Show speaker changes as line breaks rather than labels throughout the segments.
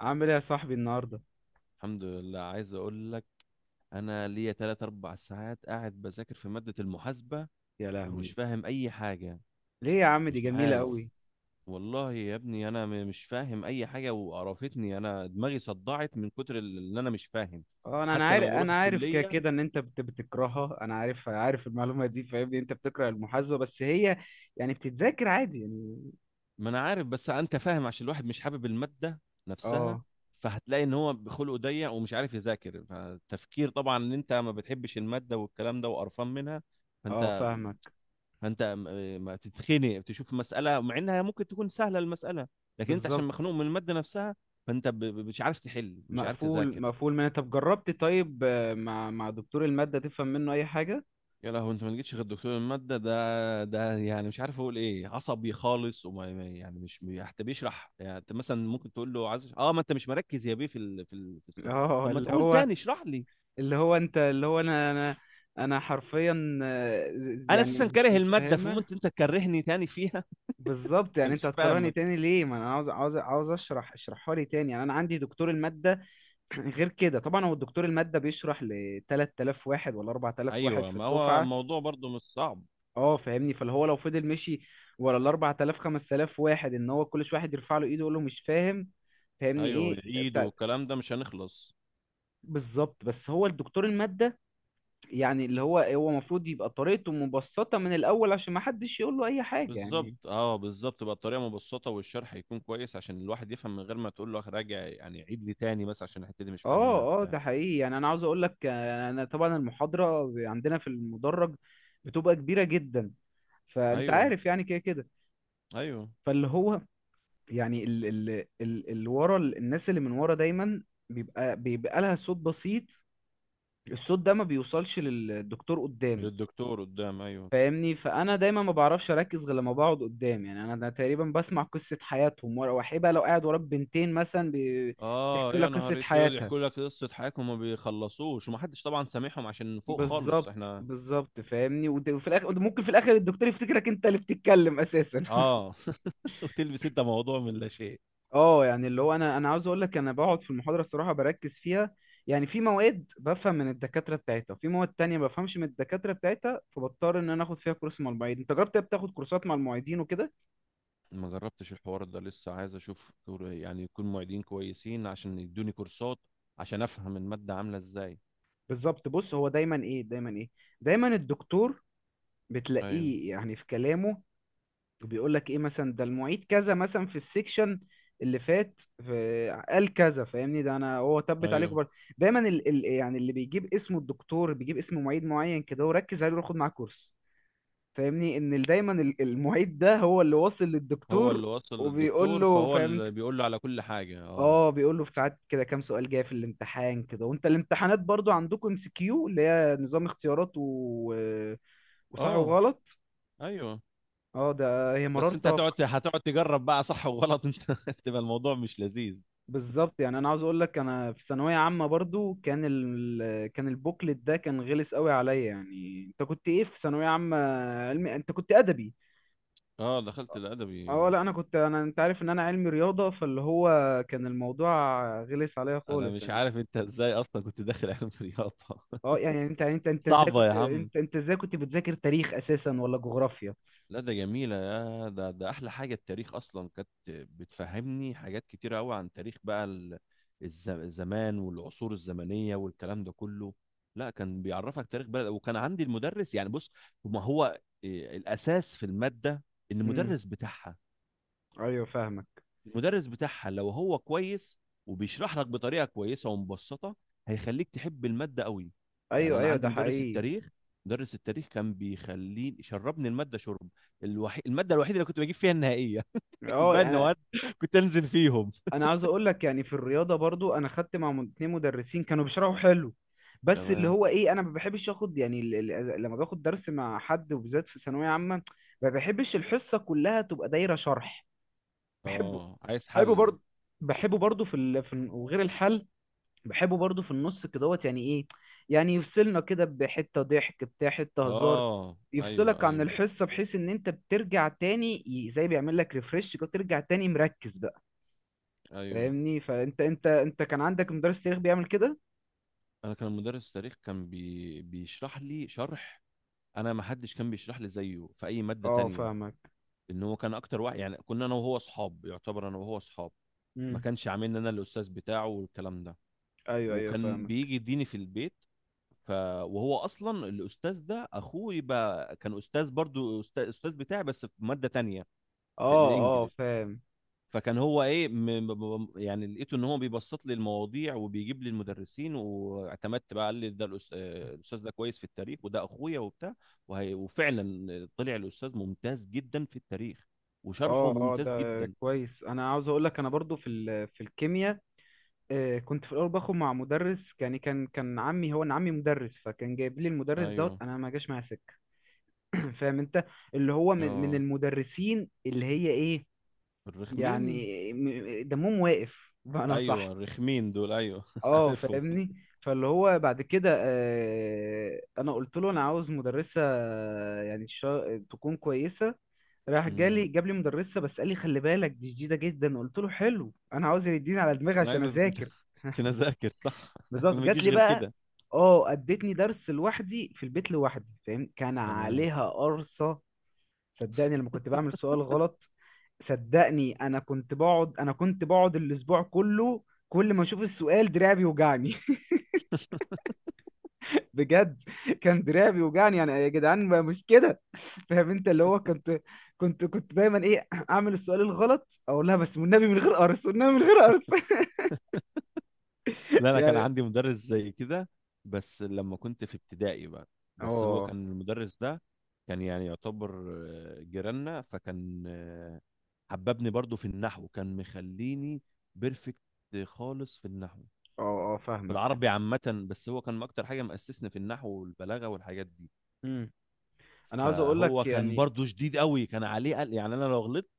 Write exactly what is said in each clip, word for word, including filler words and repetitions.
عامل ايه يا صاحبي النهارده؟
الحمد لله، عايز اقول لك انا ليا ثلاث اربع ساعات قاعد بذاكر في مادة المحاسبة،
يا
ومش
لهوي،
فاهم اي حاجة.
ليه يا عم؟ دي
مش
جميله
عارف.
قوي.
والله يا ابني، انا م- مش فاهم اي حاجة وقرفتني، انا دماغي صدعت من كتر ال- اللي انا مش فاهم.
اه، انا انا
حتى
عارف،
لما بروح
انا عارف كده
الكلية.
كده ان انت بت- بتكرهها. انا عارف، عارف المعلومه دي، فاهمني؟ انت بتكره المحاسبه، بس هي يعني بتتذاكر عادي يعني.
ما انا عارف، بس انت فاهم، عشان الواحد مش حابب المادة نفسها،
اه
فهتلاقي ان هو بخلقه ضيق ومش عارف يذاكر، فالتفكير طبعا ان انت ما بتحبش المادة والكلام ده وقرفان منها.
اه
فانت
فاهمك.
فانت م- ما تتخنق تشوف مساله مع انها ممكن تكون سهله المساله، لكن انت عشان
بالظبط،
مخنوق من الماده نفسها، فانت ب- ب- مش عارف تحل، مش عارف
مقفول
تذاكر.
مقفول من. طب جربت؟ طيب، آه، مع مع دكتور الماده تفهم منه اي حاجه؟
يا لهوي، انت ما جيتش غير دكتور الماده، ده ده يعني مش عارف اقول ايه، عصبي خالص، وما ما- يعني مش بي- حتى بيشرح. يعني انت مثلا ممكن تقول له عايز، اه ما انت مش مركز يا بيه في ال... في, ال... في السؤال.
اه،
طب ما
اللي
تقول
هو
تاني اشرح لي.
اللي هو انت، اللي هو انا انا. انا حرفيا، آه،
انا
يعني
اساسا
مش
كاره
مش
الماده،
فاهمه.
فممكن انت تكرهني تاني فيها.
بالظبط،
انت
يعني انت
مش
هتكرهني
فاهمك.
تاني ليه؟ ما انا عاوز، عاوز عاوز اشرح، اشرحها لي تاني يعني. انا عندي دكتور المادة. غير كده طبعا هو الدكتور المادة بيشرح ل ثلاثة آلاف واحد ولا اربعة آلاف واحد
ايوه،
في
ما هو
الدفعة.
الموضوع برضه مش صعب.
اه فاهمني، فاللي هو لو فضل مشي ورا ال اربعة آلاف خمسة آلاف واحد ان هو كل شويه واحد يرفع له ايده يقول له مش فاهم، فاهمني؟
ايوه،
ايه
والعيد
بتاع.
والكلام ده مش هنخلص.
بالظبط، بس هو الدكتور المادة يعني اللي هو هو المفروض يبقى طريقته مبسطة من الاول عشان ما حدش يقول له اي حاجة
بالظبط،
يعني.
اه، بالظبط، بقى الطريقه مبسطه والشرح يكون كويس عشان الواحد يفهم من غير ما تقول له راجع، يعني عيد لي تاني، بس عشان الحته دي مش فاهمها
اه اه،
بتاع.
ده حقيقي. يعني انا عاوز اقول لك، آه، انا طبعا المحاضره ب- عندنا في المدرج بتبقى كبيره جدا، فانت
ايوه،
عارف يعني كده كده.
ايوه،
فاللي هو يعني ال ال ال اللي ورا ال- الناس اللي من ورا دايما بيبقى بيبقى لها صوت بسيط. الصوت ده ما بيوصلش للدكتور قدام.
للدكتور قدام، ايوه.
فاهمني؟ فانا دايما ما بعرفش اركز غير لما بقعد قدام، يعني انا ده تقريبا بسمع قصه حياتهم ورا. وحيبه لو قاعد وراك بنتين مثلا بي-
اه،
بيحكوا لك
يا
قصه
نهار اسود،
حياتها.
يحكوا لك قصه حياتهم وما بيخلصوش، ومحدش طبعا سامعهم عشان فوق خالص
بالظبط
احنا.
بالظبط، فاهمني؟ وت- وفي الاخر ممكن، في الاخر الدكتور يفتكرك انت اللي بتتكلم اساسا.
اه. وتلبس انت موضوع من لا شيء.
اه، يعني اللي هو انا انا عاوز اقول لك انا بقعد في المحاضره الصراحه بركز فيها. يعني في مواد بفهم من الدكاتره بتاعتها، وفي مواد تانية ما بفهمش من الدكاتره بتاعتها، فبضطر ان انا اخد فيها كورس مع المعيد. انت جربت بتاخد كورسات مع المعيدين وكده؟
ما جربتش الحوار ده لسه، عايز اشوف دكتور- يعني يكون معيدين كويسين عشان يدوني كورسات عشان افهم الماده عامله ازاي.
بالظبط. بص هو دايما ايه، دايما ايه، دايما الدكتور
ايوه،
بتلاقيه يعني في كلامه بيقول لك ايه مثلا، ده المعيد كذا مثلا في السيكشن اللي فات في قال كذا. فاهمني؟ ده انا هو تبت عليكم
ايوه،
برضه. دايما ال... ال... يعني اللي بيجيب اسمه الدكتور بيجيب اسم معيد معين كده وركز عليه وخد معاه كورس. فاهمني ان ال- دايما ال- المعيد ده هو اللي واصل
هو
للدكتور
اللي وصل
وبيقول
للدكتور
له
فهو
فهمت.
اللي بيقول له على كل حاجة، اه.
اه، بيقول له في ساعات كده كام سؤال جاي في الامتحان كده. وانت الامتحانات برضو عندكم ام سي كيو اللي هي نظام اختيارات و... وصح
اه،
وغلط؟
ايوه،
اه، ده هي
بس انت
مرارة.
هتقعد هتقعد تجرب بقى صح وغلط انت تبقى الموضوع مش لذيذ.
بالظبط، يعني انا عاوز اقول لك انا في ثانويه عامه برضو كان ال... كان البوكلت ده كان غلس قوي عليا. يعني انت كنت ايه في ثانويه عامه، علمي؟ انت كنت ادبي؟
اه، دخلت
اه،
الادبي.
لا انا كنت، انا انت عارف ان انا علمي رياضه، فاللي هو كان الموضوع غلس عليا
انا
خالص
مش
يعني.
عارف انت ازاي اصلا كنت داخل علم رياضة.
اه، يعني انت انت انت ازاي
صعبة يا
كنت،
عم.
انت انت ازاي كنت بتذاكر تاريخ اساسا ولا جغرافيا؟
لا، ده جميلة، يا ده ده أحلى حاجة، التاريخ أصلا كانت بتفهمني حاجات كتيرة أوي عن تاريخ، بقى ال- الز- الزمان والعصور الزمنية والكلام ده كله. لا، كان بيعرفك تاريخ بلد، وكان عندي المدرس. يعني بص، ما هو إيه، الأساس في المادة
امم
المدرس بتاعها.
ايوه فاهمك.
المدرس بتاعها لو هو كويس وبيشرح لك بطريقه كويسه ومبسطه هيخليك تحب الماده قوي. يعني
ايوه
انا
ايوه
عندي
ده
مدرس
حقيقي.
التاريخ، مدرس التاريخ كان بيخليني شربني الماده شرب. الوحي... الماده الوحيده اللي كنت بجيب فيها النهائيه.
اه،
الباقي
يعني
المواد كنت انزل فيهم.
انا عاوز اقول لك، يعني في الرياضه برضو انا خدت مع مد- اتنين مدرسين كانوا بيشرحوا حلو. بس اللي
تمام.
هو ايه، انا ما بحبش اخد، يعني ال- ال- لما باخد درس مع حد وبالذات في ثانويه عامه ما بحبش الحصه كلها تبقى دايره شرح. بحبه،
اه، عايز
بحبه
حل.
برضو بحبه برضو في ال... في الن- وغير الحل، بحبه برضو في النص كدهوت يعني ايه، يعني يفصلنا كده بحته ضحك بتاع حته هزار،
اه، ايوه،
يفصلك عن
ايوه،
الحصه بحيث ان انت بترجع تاني ي- زي بيعمل لك ريفرش كده، ترجع تاني مركز بقى.
ايوه،
فاهمني؟ فانت، انت انت كان عندك مدرس تاريخ بيعمل كده؟
انا كان مدرس تاريخ كان بي... بيشرح لي شرح. انا ما حدش كان بيشرح لي زيه في اي ماده
اه
تانية.
فاهمك.
ان هو كان اكتر واحد، يعني كنا انا وهو اصحاب، يعتبر انا وهو اصحاب. ما
امم
كانش عاملني انا الاستاذ بتاعه والكلام ده.
ايوه ايوه
وكان
فاهمك.
بيجي يديني في البيت، ف وهو اصلا الاستاذ ده اخوه، يبقى كان استاذ، برضو استاذ, أستاذ بتاعي بس في ماده تانية،
اه
في
اه
الانجليش.
فاهم.
فكان هو ايه، م... م- م- يعني لقيته ان هو بيبسط لي المواضيع وبيجيب لي المدرسين، واعتمدت بقى، قال لي ده الأس... آه، الاستاذ ده كويس في التاريخ، وده اخويا وبتاع، وهي... وفعلا طلع الاستاذ ممتاز جدا في التاريخ وشرحه
اه اه،
ممتاز
ده
جدا.
كويس. انا عاوز اقول لك انا برضو في ال... في الكيمياء، آه كنت في الاول باخد مع مدرس. يعني كان كان عمي، هو انا عمي مدرس، فكان جايب لي المدرس دوت.
ايوه.
انا ما جاش معايا سكه. فاهم انت؟ اللي هو من من
اه،
المدرسين اللي هي ايه،
الرخمين.
يعني م- دمهم واقف بمعنى صح.
ايوه، الرخمين دول، ايوه.
اه
عارفهم.
فاهمني. فاللي هو بعد كده، آه، انا قلت له انا عاوز مدرسه، آه، يعني شا- تكون كويسه. راح
مم.
جالي جاب لي مدرسه، بس قال لي خلي بالك دي شديده جدا. قلت له حلو، انا عاوز يديني على دماغي
انا
عشان
عايز أت-
اذاكر.
عشان اذاكر صح. احنا
بالظبط،
ما
جات
بيجيش
لي
غير
بقى.
كده.
اه، ادتني درس لوحدي في البيت لوحدي. فاهم كان
تمام.
عليها قرصه. صدقني لما كنت بعمل سؤال غلط، صدقني انا كنت بقعد، انا كنت بقعد الاسبوع كله، كل ما اشوف السؤال دراعي بيوجعني، بجد كان دراعي بيوجعني، يعني يا جدعان ما- مش كده. فاهم انت؟ اللي هو كنت، كنت كنت دايما ايه، اعمل السؤال الغلط اقول لها بس والنبي من غير قرص، والنبي من غير قرص.
لا، انا كان
يعني
عندي مدرس زي كده، بس لما كنت في ابتدائي بقى. بس هو
اه
كان المدرس ده كان يعني يعتبر آه، جيراننا، فكان آه، حببني برضو في النحو، كان مخليني بيرفكت خالص في النحو،
اه اه
في
فاهمك.
العربي عامة، بس هو كان اكتر حاجة مأسسني في النحو والبلاغة والحاجات دي.
امم انا عاوز اقول
فهو
لك
كان
يعني.
برضو شديد قوي، كان عليه قل... يعني انا لو غلطت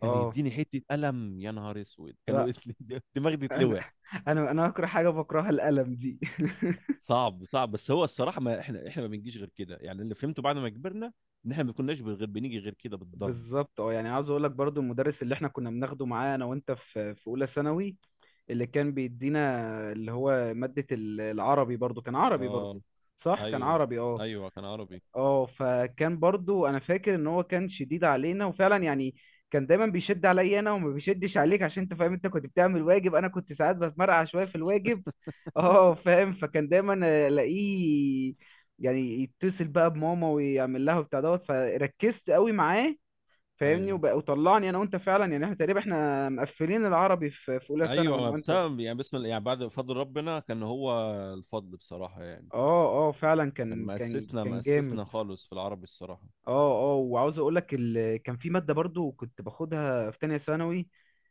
كان
اه،
يديني حتة قلم، يا نهار اسود، كانوا
لا
دماغي
انا
تتلوح.
انا انا اكره حاجه بكرهها القلم دي.
صعب، صعب. بس هو الصراحه، ما احنا احنا ما بنجيش غير كده، يعني اللي فهمته بعد ما كبرنا ان احنا ما كناش غير بنيجي غير كده بالضرب.
بالظبط. اه، يعني عاوز اقول لك برضو المدرس اللي احنا كنا بناخده معاه انا وانت في في اولى ثانوي، اللي كان بيدينا، اللي هو مادة ال- العربي، برضو كان عربي
اه،
برضو؟ صح كان
ايوه،
عربي اه.
ايوه، كان عربي،
اه، فكان برضو انا فاكر ان هو كان شديد علينا، وفعلا يعني كان دايما بيشد عليا انا وما بيشدش عليك عشان انت فاهم، انت كنت بتعمل واجب، انا كنت ساعات بتمرقع شوية في الواجب. اه فاهم. فكان دايما الاقيه يعني يتصل بقى بماما ويعمل لها وبتاع دوت. فركزت قوي معاه، فاهمني؟
ايوه،
وبقى وطلعني انا وانت فعلا، يعني احنا تقريبا احنا مقفلين العربي في في اولى
ايوه،
ثانوي انا
ما
وانت.
بسبب بسبب يعني، بسم الله، يعني بعد فضل ربنا كان هو الفضل بصراحه يعني،
اه اه، فعلا
كان
كان كان
مأسسنا
كان جامد.
مأسسنا خالص في العربي الصراحه.
اه اه، وعاوز اقول لك ال... كان في ماده برضو كنت باخدها في تانية ثانوي،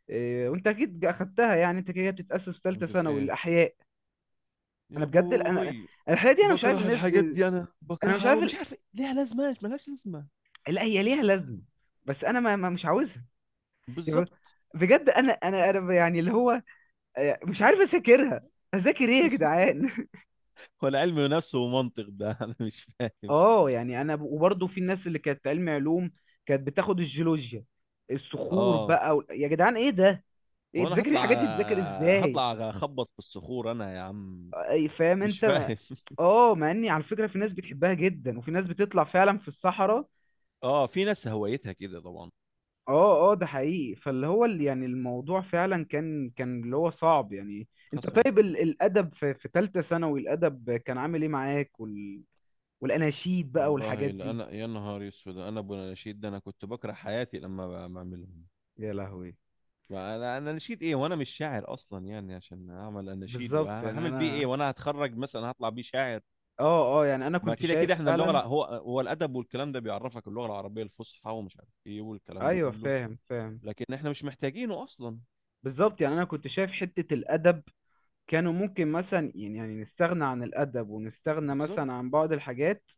إيه، وانت اكيد اخدتها يعني، انت كده بتتاسس في ثالثه
مدة
ثانوي،
ايه،
الاحياء. انا
يا
بجد ال- انا
بوي.
الاحياء دي انا مش عارف
بكره
الناس ب...
الحاجات دي، انا
انا مش
بكرهها قوي،
عارف
مش
ال...
عارف ليها لازمه، ملهاش لازمه.
لا هي ليها لازمه، بس انا ما... ما مش عاوزها يعني.
بالظبط.
بجد انا انا انا يعني اللي هو، آه، مش عارف اذاكرها. اذاكر ايه يا جدعان؟
ولا علم نفس ومنطق ده انا مش فاهم.
اه، يعني انا ب- وبرضه في الناس اللي كانت علم علوم كانت بتاخد الجيولوجيا، الصخور
اه،
بقى وال- يا جدعان ايه ده؟ إيه،
وانا
تذاكر
هطلع
الحاجات دي، تذاكر ازاي؟
هطلع اخبط في الصخور انا يا عم،
أي- فاهم
مش
انت؟
فاهم.
اه، مع اني على فكره في ناس بتحبها جدا وفي ناس بتطلع فعلا في الصحراء.
اه، في ناس هوايتها كده طبعا.
اه اه ده حقيقي. فاللي هو اللي يعني الموضوع فعلا كان، كان اللي هو صعب يعني. انت
حصل.
طيب ال- الادب في في ثالثه ثانوي، الادب كان عامل ايه معاك وال... والاناشيد بقى والحاجات
والله، لا
دي؟
انا يا نهار اسود، انا ابو الاناشيد ده، انا كنت بكره حياتي لما ب- بعملهم.
يا لهوي.
انا انا نشيد ايه وانا مش شاعر اصلا يعني عشان اعمل اناشيد،
بالظبط يعني
وهعمل بيه ايه؟
انا،
وانا هتخرج مثلا هطلع بيه شاعر؟
اه اه يعني انا
ما
كنت
كده كده
شايف
احنا اللغه
فعلا.
الع- هو هو الادب والكلام ده بيعرفك اللغه العربيه الفصحى ومش عارف ايه والكلام ده
ايوه
كله،
فاهم فاهم.
لكن احنا مش محتاجينه اصلا.
بالظبط، يعني انا كنت شايف حتة الادب كانوا ممكن مثلا يعني، يعني نستغنى عن الادب ونستغنى
بالظبط.
مثلا عن بعض الحاجات،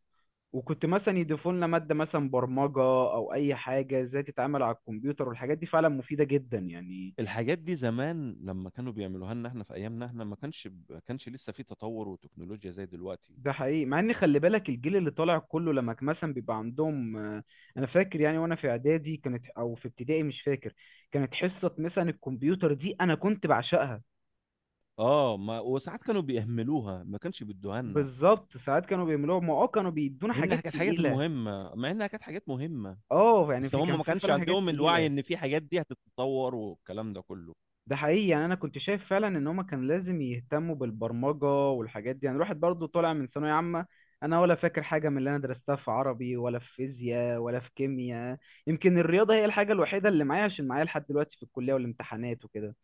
وكنت مثلا يضيفوا لنا مادة مثلا برمجة او اي حاجة ازاي تتعامل على الكمبيوتر والحاجات دي فعلا مفيدة جدا يعني.
الحاجات دي زمان لما كانوا بيعملوها لنا، احنا في ايامنا احنا ما كانش ما كانش لسه في تطور وتكنولوجيا زي دلوقتي.
ده حقيقي، مع ان خلي بالك الجيل اللي طالع كله لما كان مثلا بيبقى عندهم، آه، انا فاكر يعني وانا في اعدادي كانت او في ابتدائي مش فاكر، كانت حصة مثلا الكمبيوتر دي انا كنت بعشقها.
اه، ما وساعات كانوا بيهملوها، ما كانش بيدوها لنا.
بالظبط، ساعات كانوا بيعملوها ما، اه كانوا بيدونا
منها
حاجات
كانت حاجات
تقيلة.
مهمه، مع انها كانت حاجات مهمه،
اه يعني
بس
في،
هم
كان
ما
في
كانش
فعلا حاجات
عندهم الوعي
تقيلة.
ان في حاجات دي هتتطور والكلام ده كله.
ده حقيقي، يعني انا كنت شايف فعلا ان هما كان لازم يهتموا بالبرمجة والحاجات دي. يعني الواحد برضو طالع من ثانوية عامة، انا ولا فاكر حاجة من اللي انا درستها في عربي ولا في فيزياء ولا في كيمياء. يمكن الرياضة هي الحاجة الوحيدة اللي معايا عشان معايا لحد دلوقتي في الكلية والامتحانات وكده.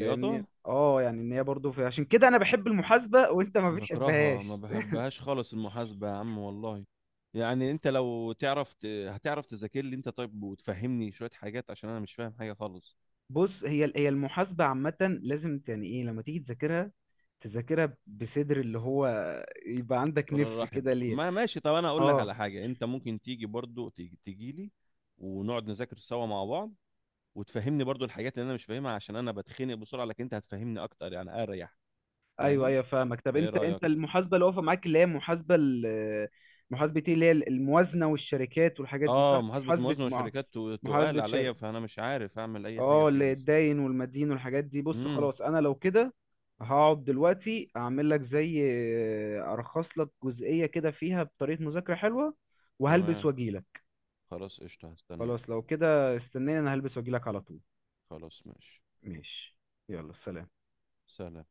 فاهمني؟ اه يعني ان هي برضو في، عشان كده انا بحب المحاسبة وانت ما
بكرهها، ما
بتحبهاش.
بحبهاش خالص المحاسبه يا عم والله. يعني انت لو تعرف ت- هتعرف تذاكر لي انت طيب، وتفهمني شويه حاجات عشان انا مش فاهم حاجه خالص.
بص هي، هي المحاسبة عامة لازم ت- يعني ايه، لما تيجي تذاكرها، تذاكرها بصدر اللي هو يبقى عندك
ولا
نفس
رحب،
كده ليه.
ما ماشي، طب انا اقول لك على
اه
حاجه، انت ممكن تيجي برضو، تيجي تيجي لي، ونقعد نذاكر سوا مع بعض، وتفهمني برضو الحاجات اللي انا مش فاهمها، عشان انا بتخنق بسرعه، لكن انت هتفهمني اكتر يعني اريح.
ايوه
فاهم.
ايوه فاهمك. طب
فايه
انت،
رايك؟
انت المحاسبة اللي واقفة معاك اللي هي محاسبة ال- محاسبة ايه، اللي هي الموازنة والشركات والحاجات دي
اه،
صح؟
محاسبه
محاسبة
الموازنه
مع،
والشركات تو- تقال
محاسبة
عليا،
شركة؟
فانا مش عارف اعمل اي حاجه
اه،
فيهم
اللي
الصراحه.
الداين والمدين والحاجات دي. بص
امم.
خلاص انا لو كده هقعد دلوقتي اعمل لك زي، ارخص لك جزئية كده فيها بطريقة مذاكرة حلوة، وهلبس
تمام،
واجيلك.
خلاص قشطه هستناك.
خلاص لو كده استناني، انا هلبس واجيلك على طول.
خلاص ماشي.
ماشي، يلا سلام.
سلام.